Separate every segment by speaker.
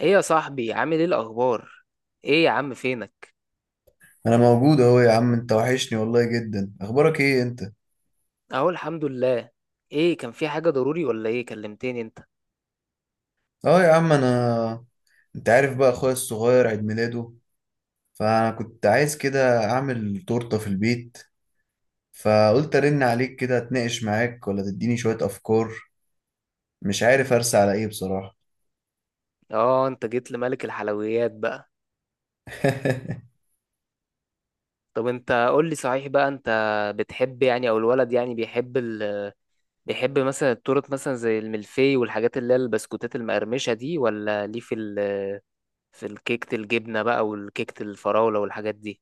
Speaker 1: ايه يا صاحبي عامل ايه الاخبار؟ ايه يا عم فينك؟
Speaker 2: انا موجود اهو، يا عم، انت وحشني والله جدا. اخبارك ايه انت؟
Speaker 1: اهو الحمد لله. ايه، كان في حاجة ضروري ولا ايه كلمتني انت؟
Speaker 2: اه، يا عم، انت عارف بقى اخويا الصغير عيد ميلاده، فانا كنت عايز كده اعمل تورته في البيت، فقلت ارن عليك كده اتناقش معاك ولا تديني شويه افكار. مش عارف ارسى على ايه بصراحه.
Speaker 1: اه، انت جيت لملك الحلويات بقى. طب انت قول لي، صحيح بقى، انت بتحب يعني او الولد يعني بيحب بيحب مثلا التورت مثلا زي الملفي والحاجات اللي هي البسكوتات المقرمشة دي، ولا ليه في في الكيكة الجبنة بقى والكيكة الفراولة والحاجات دي؟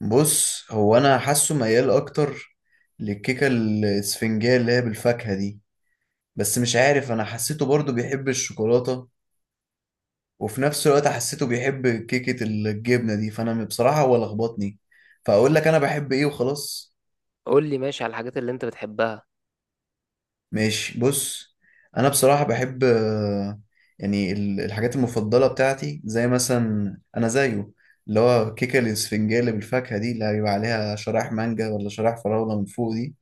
Speaker 2: بص، هو انا حاسه ميال اكتر للكيكه الاسفنجيه اللي هي بالفاكهه دي، بس مش عارف، انا حسيته برضو بيحب الشوكولاته، وفي نفس الوقت حسيته بيحب كيكة الجبنة دي. فأنا بصراحة هو لخبطني، فأقول لك أنا بحب إيه وخلاص.
Speaker 1: قول لي ماشي على الحاجات اللي انت بتحبها.
Speaker 2: ماشي، بص. أنا بصراحة بحب، يعني الحاجات المفضلة بتاعتي زي مثلا أنا زيه، اللي هو كيكة الإسفنجية بالفاكهة دي اللي هيبقى عليها شرايح مانجا ولا شرايح فراولة من فوق دي.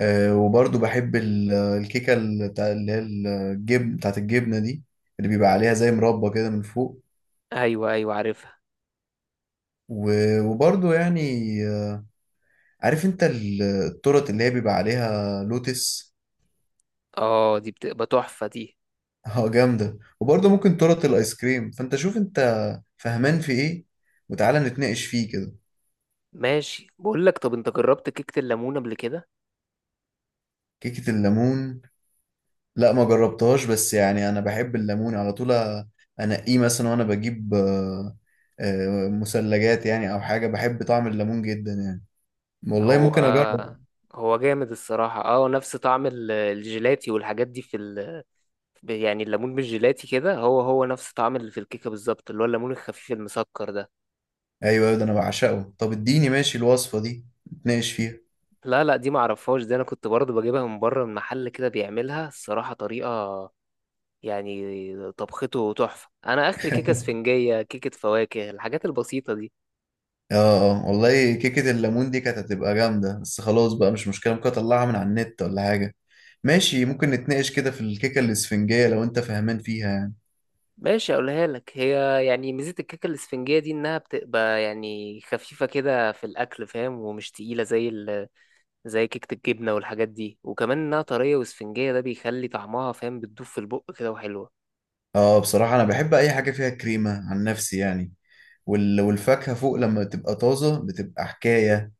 Speaker 2: وبرضه بحب الكيكة بتاع اللي هي الجبن بتاعت الجبنة دي، اللي بيبقى عليها زي مربى كده من فوق.
Speaker 1: ايوه ايوه، عارفها.
Speaker 2: وبرضه يعني، عارف انت التورت اللي هي بيبقى عليها لوتس؟
Speaker 1: اه، دي بتبقى تحفة دي.
Speaker 2: اه، جامدة. وبرضه ممكن تورت الايس كريم. فانت شوف انت فهمان في ايه، وتعالى نتناقش فيه كده.
Speaker 1: ماشي بقول لك، طب انت جربت كيكة الليمون قبل كده؟
Speaker 2: كيكة الليمون؟ لا، ما جربتهاش، بس يعني انا بحب الليمون على طول. انقيه مثلا، وانا بجيب مثلجات يعني او حاجة. بحب طعم الليمون جدا يعني. والله
Speaker 1: هو
Speaker 2: ممكن اجرب.
Speaker 1: هو جامد الصراحة. اه، نفس طعم الجيلاتي والحاجات دي في يعني الليمون بالجيلاتي كده هو هو نفس طعم اللي في الكيكة بالظبط، اللي هو الليمون الخفيف المسكر ده.
Speaker 2: ايوه، ده انا بعشقه. طب اديني، ماشي، الوصفة دي، نتناقش فيها.
Speaker 1: لا لا، دي معرفهاش دي. انا كنت برضه بجيبها من بره، من محل كده بيعملها الصراحة، طريقة يعني طبخته تحفة. انا اخر كيكة اسفنجية كيكة فواكه الحاجات البسيطة دي.
Speaker 2: اه، اه والله، كيكة الليمون دي كانت هتبقى جامدة. بس خلاص بقى، مش مشكلة، ممكن اطلعها من على النت ولا حاجة. ماشي، ممكن نتناقش كده في الكيكة الاسفنجية لو انت فاهمان فيها يعني.
Speaker 1: ماشي اقولها لك. هي يعني ميزة الكيكة الاسفنجية دي انها بتبقى يعني خفيفة كده في الاكل، فاهم، ومش تقيلة زي زي كيكة الجبنة والحاجات دي. وكمان انها طرية واسفنجية، ده بيخلي طعمها فاهم بتدوب في البق كده وحلوة.
Speaker 2: اه، بصراحة انا بحب اي حاجة فيها كريمة عن نفسي يعني. والفاكهة فوق لما تبقى طازة بتبقى حكاية.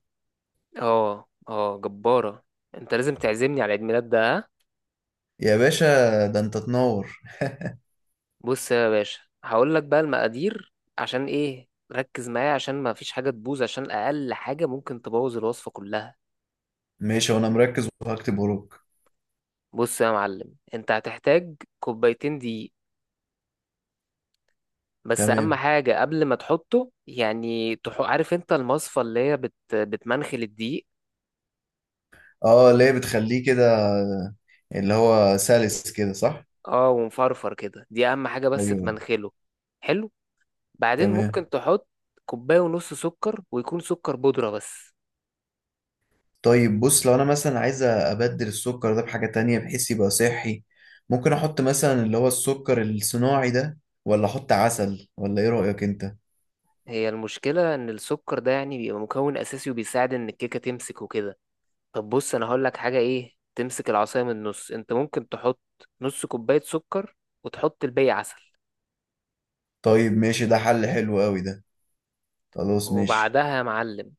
Speaker 1: اه اه، جبارة. انت لازم تعزمني على عيد ميلاد ده، ها.
Speaker 2: يا باشا، ده انت تنور.
Speaker 1: بص يا باشا، هقول لك بقى المقادير، عشان ايه، ركز معايا عشان ما فيش حاجة تبوظ، عشان اقل حاجة ممكن تبوظ الوصفة كلها.
Speaker 2: ماشي، وانا مركز وهكتب وراك.
Speaker 1: بص يا معلم، انت هتحتاج كوبايتين دقيق. بس اهم
Speaker 2: تمام.
Speaker 1: حاجه قبل ما تحطه يعني عارف انت المصفى اللي هي بتمنخل الدقيق.
Speaker 2: اه، اللي هي بتخليه كده، اللي هو سلس كده، صح؟
Speaker 1: اه ومفرفر كده، دي اهم حاجه، بس
Speaker 2: ايوه.
Speaker 1: تمنخله. حلو. بعدين
Speaker 2: تمام.
Speaker 1: ممكن تحط كوبايه ونص سكر، ويكون سكر بودره بس.
Speaker 2: طيب، بص، لو انا مثلا عايز ابدل السكر ده بحاجة تانية بحيث يبقى صحي، ممكن احط مثلا اللي هو السكر الصناعي ده، ولا احط عسل، ولا ايه رأيك انت؟
Speaker 1: هي المشكله ان السكر ده يعني بيبقى مكون اساسي، وبيساعد ان الكيكه تمسك وكده. طب بص، انا هقول لك حاجه ايه تمسك العصايه من النص. انت ممكن تحط نص كوبايه سكر، وتحط الباقي عسل.
Speaker 2: طيب، ماشي، ده حل حلو قوي ده. خلاص، ماشي.
Speaker 1: وبعدها يا معلم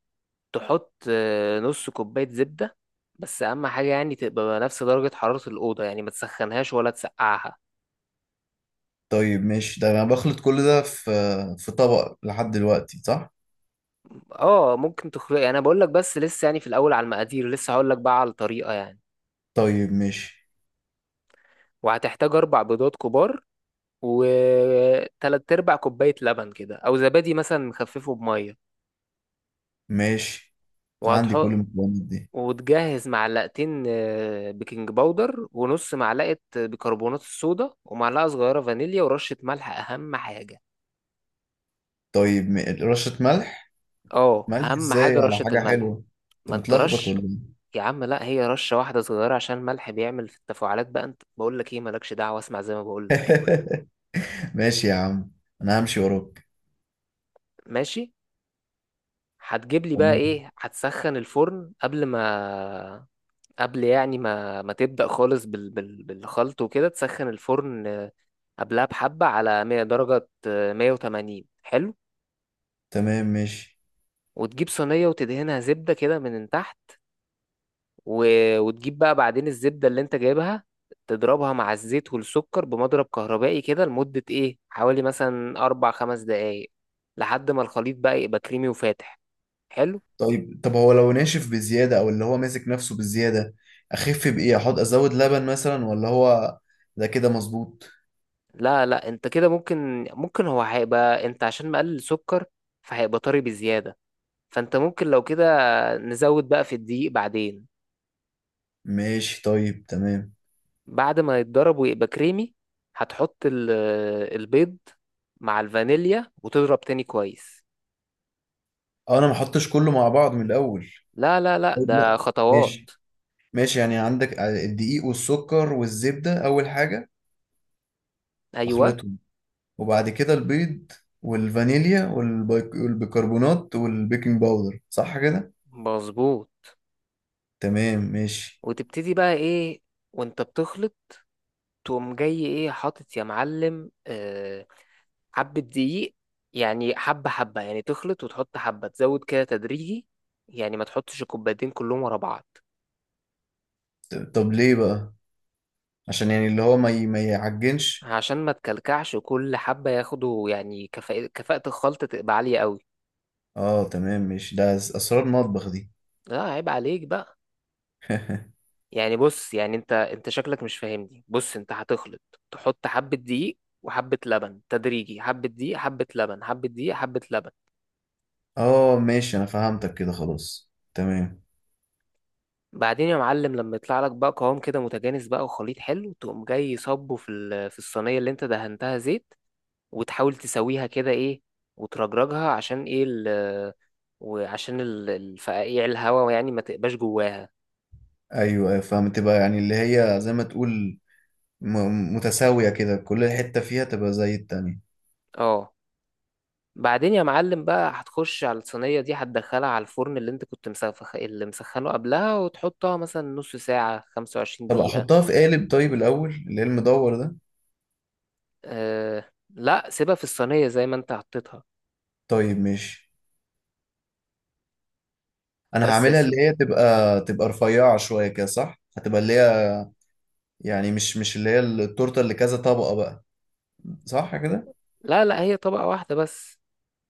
Speaker 1: تحط نص كوباية زبدة. بس أهم حاجة يعني تبقى نفس درجة حرارة الأوضة، يعني ما تسخنهاش ولا تسقعها.
Speaker 2: طيب، ماشي، ده انا بخلط كل ده في طبق لحد دلوقتي، صح؟
Speaker 1: اه ممكن تخرج، أنا بقول لك بس لسه يعني في الأول على المقادير، لسه هقول لك بقى على الطريقة يعني.
Speaker 2: طيب، ماشي،
Speaker 1: وهتحتاج أربع بيضات كبار، وتلات أرباع كوباية لبن كده أو زبادي مثلا مخففه بمية.
Speaker 2: ماشي، عندي كل
Speaker 1: وهتحط
Speaker 2: المكونات دي.
Speaker 1: وتجهز معلقتين بيكنج باودر، ونص معلقة بيكربونات الصودا، ومعلقة صغيرة فانيليا، ورشة ملح أهم حاجة.
Speaker 2: طيب، رشة ملح؟
Speaker 1: اه،
Speaker 2: ملح
Speaker 1: اهم حاجه
Speaker 2: ازاي على
Speaker 1: رشه
Speaker 2: حاجة
Speaker 1: الملح.
Speaker 2: حلوة؟
Speaker 1: ما
Speaker 2: انت
Speaker 1: انت
Speaker 2: متلخبط
Speaker 1: رش.
Speaker 2: ولا
Speaker 1: يا عم لا، هي رشه واحده صغيره عشان الملح بيعمل في التفاعلات. بقى انت بقول لك ايه، مالكش دعوه، اسمع زي ما بقول لك كده.
Speaker 2: ايه؟ ماشي يا عم، انا همشي وراك.
Speaker 1: ماشي، هتجيب لي بقى
Speaker 2: تمام.
Speaker 1: ايه، هتسخن الفرن قبل يعني ما تبدا خالص بالخلط وكده، تسخن الفرن قبلها بحبه على 100 درجه 180 حلو.
Speaker 2: تمام، ماشي.
Speaker 1: وتجيب صينيه وتدهنها زبده كده من تحت. و... وتجيب بقى بعدين الزبدة اللي انت جايبها، تضربها مع الزيت والسكر بمضرب كهربائي كده لمدة ايه حوالي مثلا أربع خمس دقايق، لحد ما الخليط بقى يبقى كريمي وفاتح. حلو.
Speaker 2: طيب، طب هو لو ناشف بزيادة او اللي هو ماسك نفسه بزيادة، اخف بايه؟ احط ازود لبن مثلا، ولا هو ده كده مظبوط؟
Speaker 1: لا لا، انت كده ممكن هو هيبقى انت عشان مقلل سكر، فهيبقى طري بزيادة. فانت ممكن لو كده نزود بقى في الدقيق بعدين.
Speaker 2: ماشي، طيب، تمام.
Speaker 1: بعد ما يتضرب ويبقى كريمي، هتحط البيض مع الفانيليا وتضرب تاني كويس.
Speaker 2: اه، انا ما احطش كله مع بعض من الاول؟
Speaker 1: لا لا لا،
Speaker 2: طيب،
Speaker 1: ده
Speaker 2: لا،
Speaker 1: خطوات.
Speaker 2: ماشي. ماشي، يعني عندك الدقيق والسكر والزبدة اول حاجة،
Speaker 1: ايوه
Speaker 2: اخلطهم، وبعد كده البيض والفانيليا والبيكربونات والبيكنج باودر، صح كده؟
Speaker 1: مظبوط.
Speaker 2: تمام، ماشي.
Speaker 1: وتبتدي بقى ايه وانت بتخلط، تقوم جاي ايه حاطط يا معلم حبة دقيق. يعني حبة حبة يعني تخلط وتحط حبة، تزود كده تدريجي، يعني ما تحطش الكوبايتين كلهم ورا بعض.
Speaker 2: طب ليه بقى؟ عشان يعني اللي هو ما يعجنش؟
Speaker 1: عشان ما تكلكعش، وكل حبة ياخدوا يعني كفاءة، كفاءة الخلطة تبقى عالية قوي.
Speaker 2: اه، تمام، ماشي، ده اسرار مطبخ دي.
Speaker 1: لا عيب عليك بقى. يعني بص، يعني انت شكلك مش فاهمني. بص انت هتخلط، تحط حبة دقيق وحبة لبن تدريجي، حبة دقيق حبة لبن حبة دقيق حبة لبن.
Speaker 2: اه، ماشي، انا فهمتك كده. خلاص، تمام.
Speaker 1: بعدين يا معلم لما يطلع لك بقى قوام كده متجانس بقى، وخليط حلو، تقوم جاي صبه في في الصينيه اللي انت دهنتها زيت. وتحاول تسويها كده ايه، وترجرجها عشان ايه ال، وعشان الفقاقيع الهواء يعني ما تبقاش جواها.
Speaker 2: ايوه، ايوه، فهمت بقى. يعني اللي هي زي ما تقول، متساوية كده، كل حتة فيها تبقى زي التانية.
Speaker 1: اه. بعدين يا معلم بقى هتخش على الصينيه دي، هتدخلها على الفرن اللي انت كنت اللي مسخنه قبلها، وتحطها مثلا نص ساعه، 25
Speaker 2: طب
Speaker 1: دقيقه.
Speaker 2: احطها في قالب طيب الاول، اللي هي المدور ده؟
Speaker 1: أه لا، سيبها في الصينيه زي ما انت حطيتها.
Speaker 2: طيب، ماشي، انا
Speaker 1: بس يا
Speaker 2: هعملها اللي هي
Speaker 1: سيدي.
Speaker 2: تبقى رفيعة شوية كده، صح؟ هتبقى اللي هي، يعني مش اللي هي التورتة اللي كذا طبقة بقى، صح كده؟
Speaker 1: لا لا، هي طبقة واحدة بس.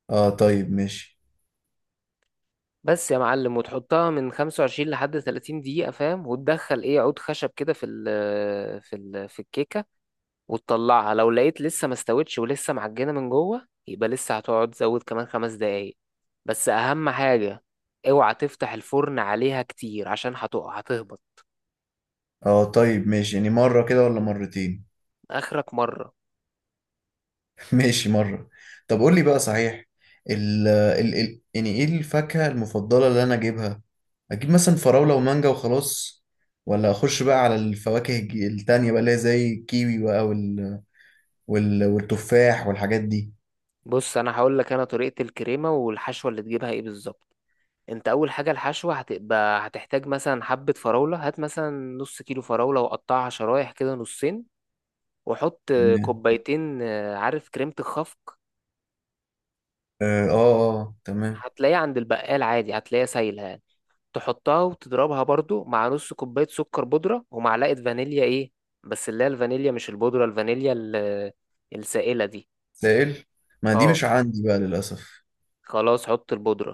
Speaker 2: اه، طيب، ماشي.
Speaker 1: بس يا معلم، وتحطها من 25 لحد 30 دقيقة فاهم، وتدخل ايه عود خشب كده في الكيكة، وتطلعها. لو لقيت لسه ما استوتش ولسه معجنة من جوه، يبقى لسه هتقعد تزود كمان خمس دقايق. بس أهم حاجة، اوعى تفتح الفرن عليها كتير عشان هتقع هتهبط.
Speaker 2: اه، طيب، ماشي، يعني مرة كده ولا مرتين؟
Speaker 1: آخرك مرة.
Speaker 2: ماشي، مرة. طب قول لي بقى صحيح، ال ال ال يعني ايه الفاكهة المفضلة اللي انا اجيبها؟ اجيب مثلا فراولة ومانجا وخلاص، ولا اخش بقى على الفواكه التانية بقى اللي هي زي الكيوي بقى، والتفاح والحاجات دي؟
Speaker 1: بص أنا هقول لك أنا طريقة الكريمة والحشوة اللي تجيبها ايه بالظبط. انت اول حاجه الحشوه هتبقى، هتحتاج مثلا حبه فراوله، هات مثلا نص كيلو فراوله وقطعها شرايح كده نصين. وحط
Speaker 2: تمام.
Speaker 1: كوبايتين عارف كريمة الخفق،
Speaker 2: اه، اه، آه، تمام.
Speaker 1: هتلاقيها عند البقال عادي هتلاقيها سايلة يعني. تحطها وتضربها برضو مع نص كوباية سكر بودرة، ومعلقة فانيليا ايه، بس اللي هي الفانيليا مش البودرة، الفانيليا السائلة دي.
Speaker 2: سائل؟ ما دي
Speaker 1: اه
Speaker 2: مش عندي بقى للأسف.
Speaker 1: خلاص حط البودرة.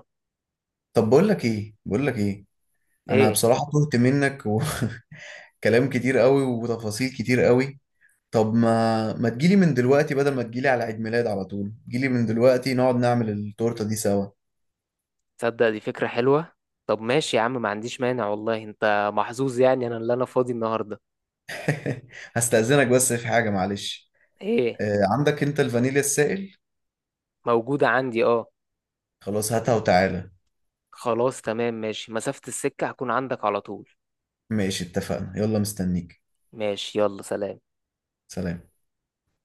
Speaker 2: طب بقول لك ايه، انا
Speaker 1: ايه
Speaker 2: بصراحة تهت منك. وكلام كتير قوي وتفاصيل كتير قوي. طب ما تجيلي من دلوقتي، بدل ما تجيلي على عيد ميلاد على طول، جيلي من دلوقتي نقعد نعمل التورتة دي سوا.
Speaker 1: تصدق، دي فكرة حلوة. طب ماشي يا عم، ما عنديش مانع والله. انت محظوظ يعني انا اللي انا فاضي النهاردة.
Speaker 2: هستأذنك بس في حاجة، معلش.
Speaker 1: ايه،
Speaker 2: عندك انت الفانيليا السائل؟
Speaker 1: موجودة عندي اه.
Speaker 2: خلاص، هاتها وتعالى.
Speaker 1: خلاص تمام ماشي، مسافة السكة هكون عندك على طول.
Speaker 2: ماشي، اتفقنا، يلا، مستنيك.
Speaker 1: ماشي يلا سلام.
Speaker 2: سلام.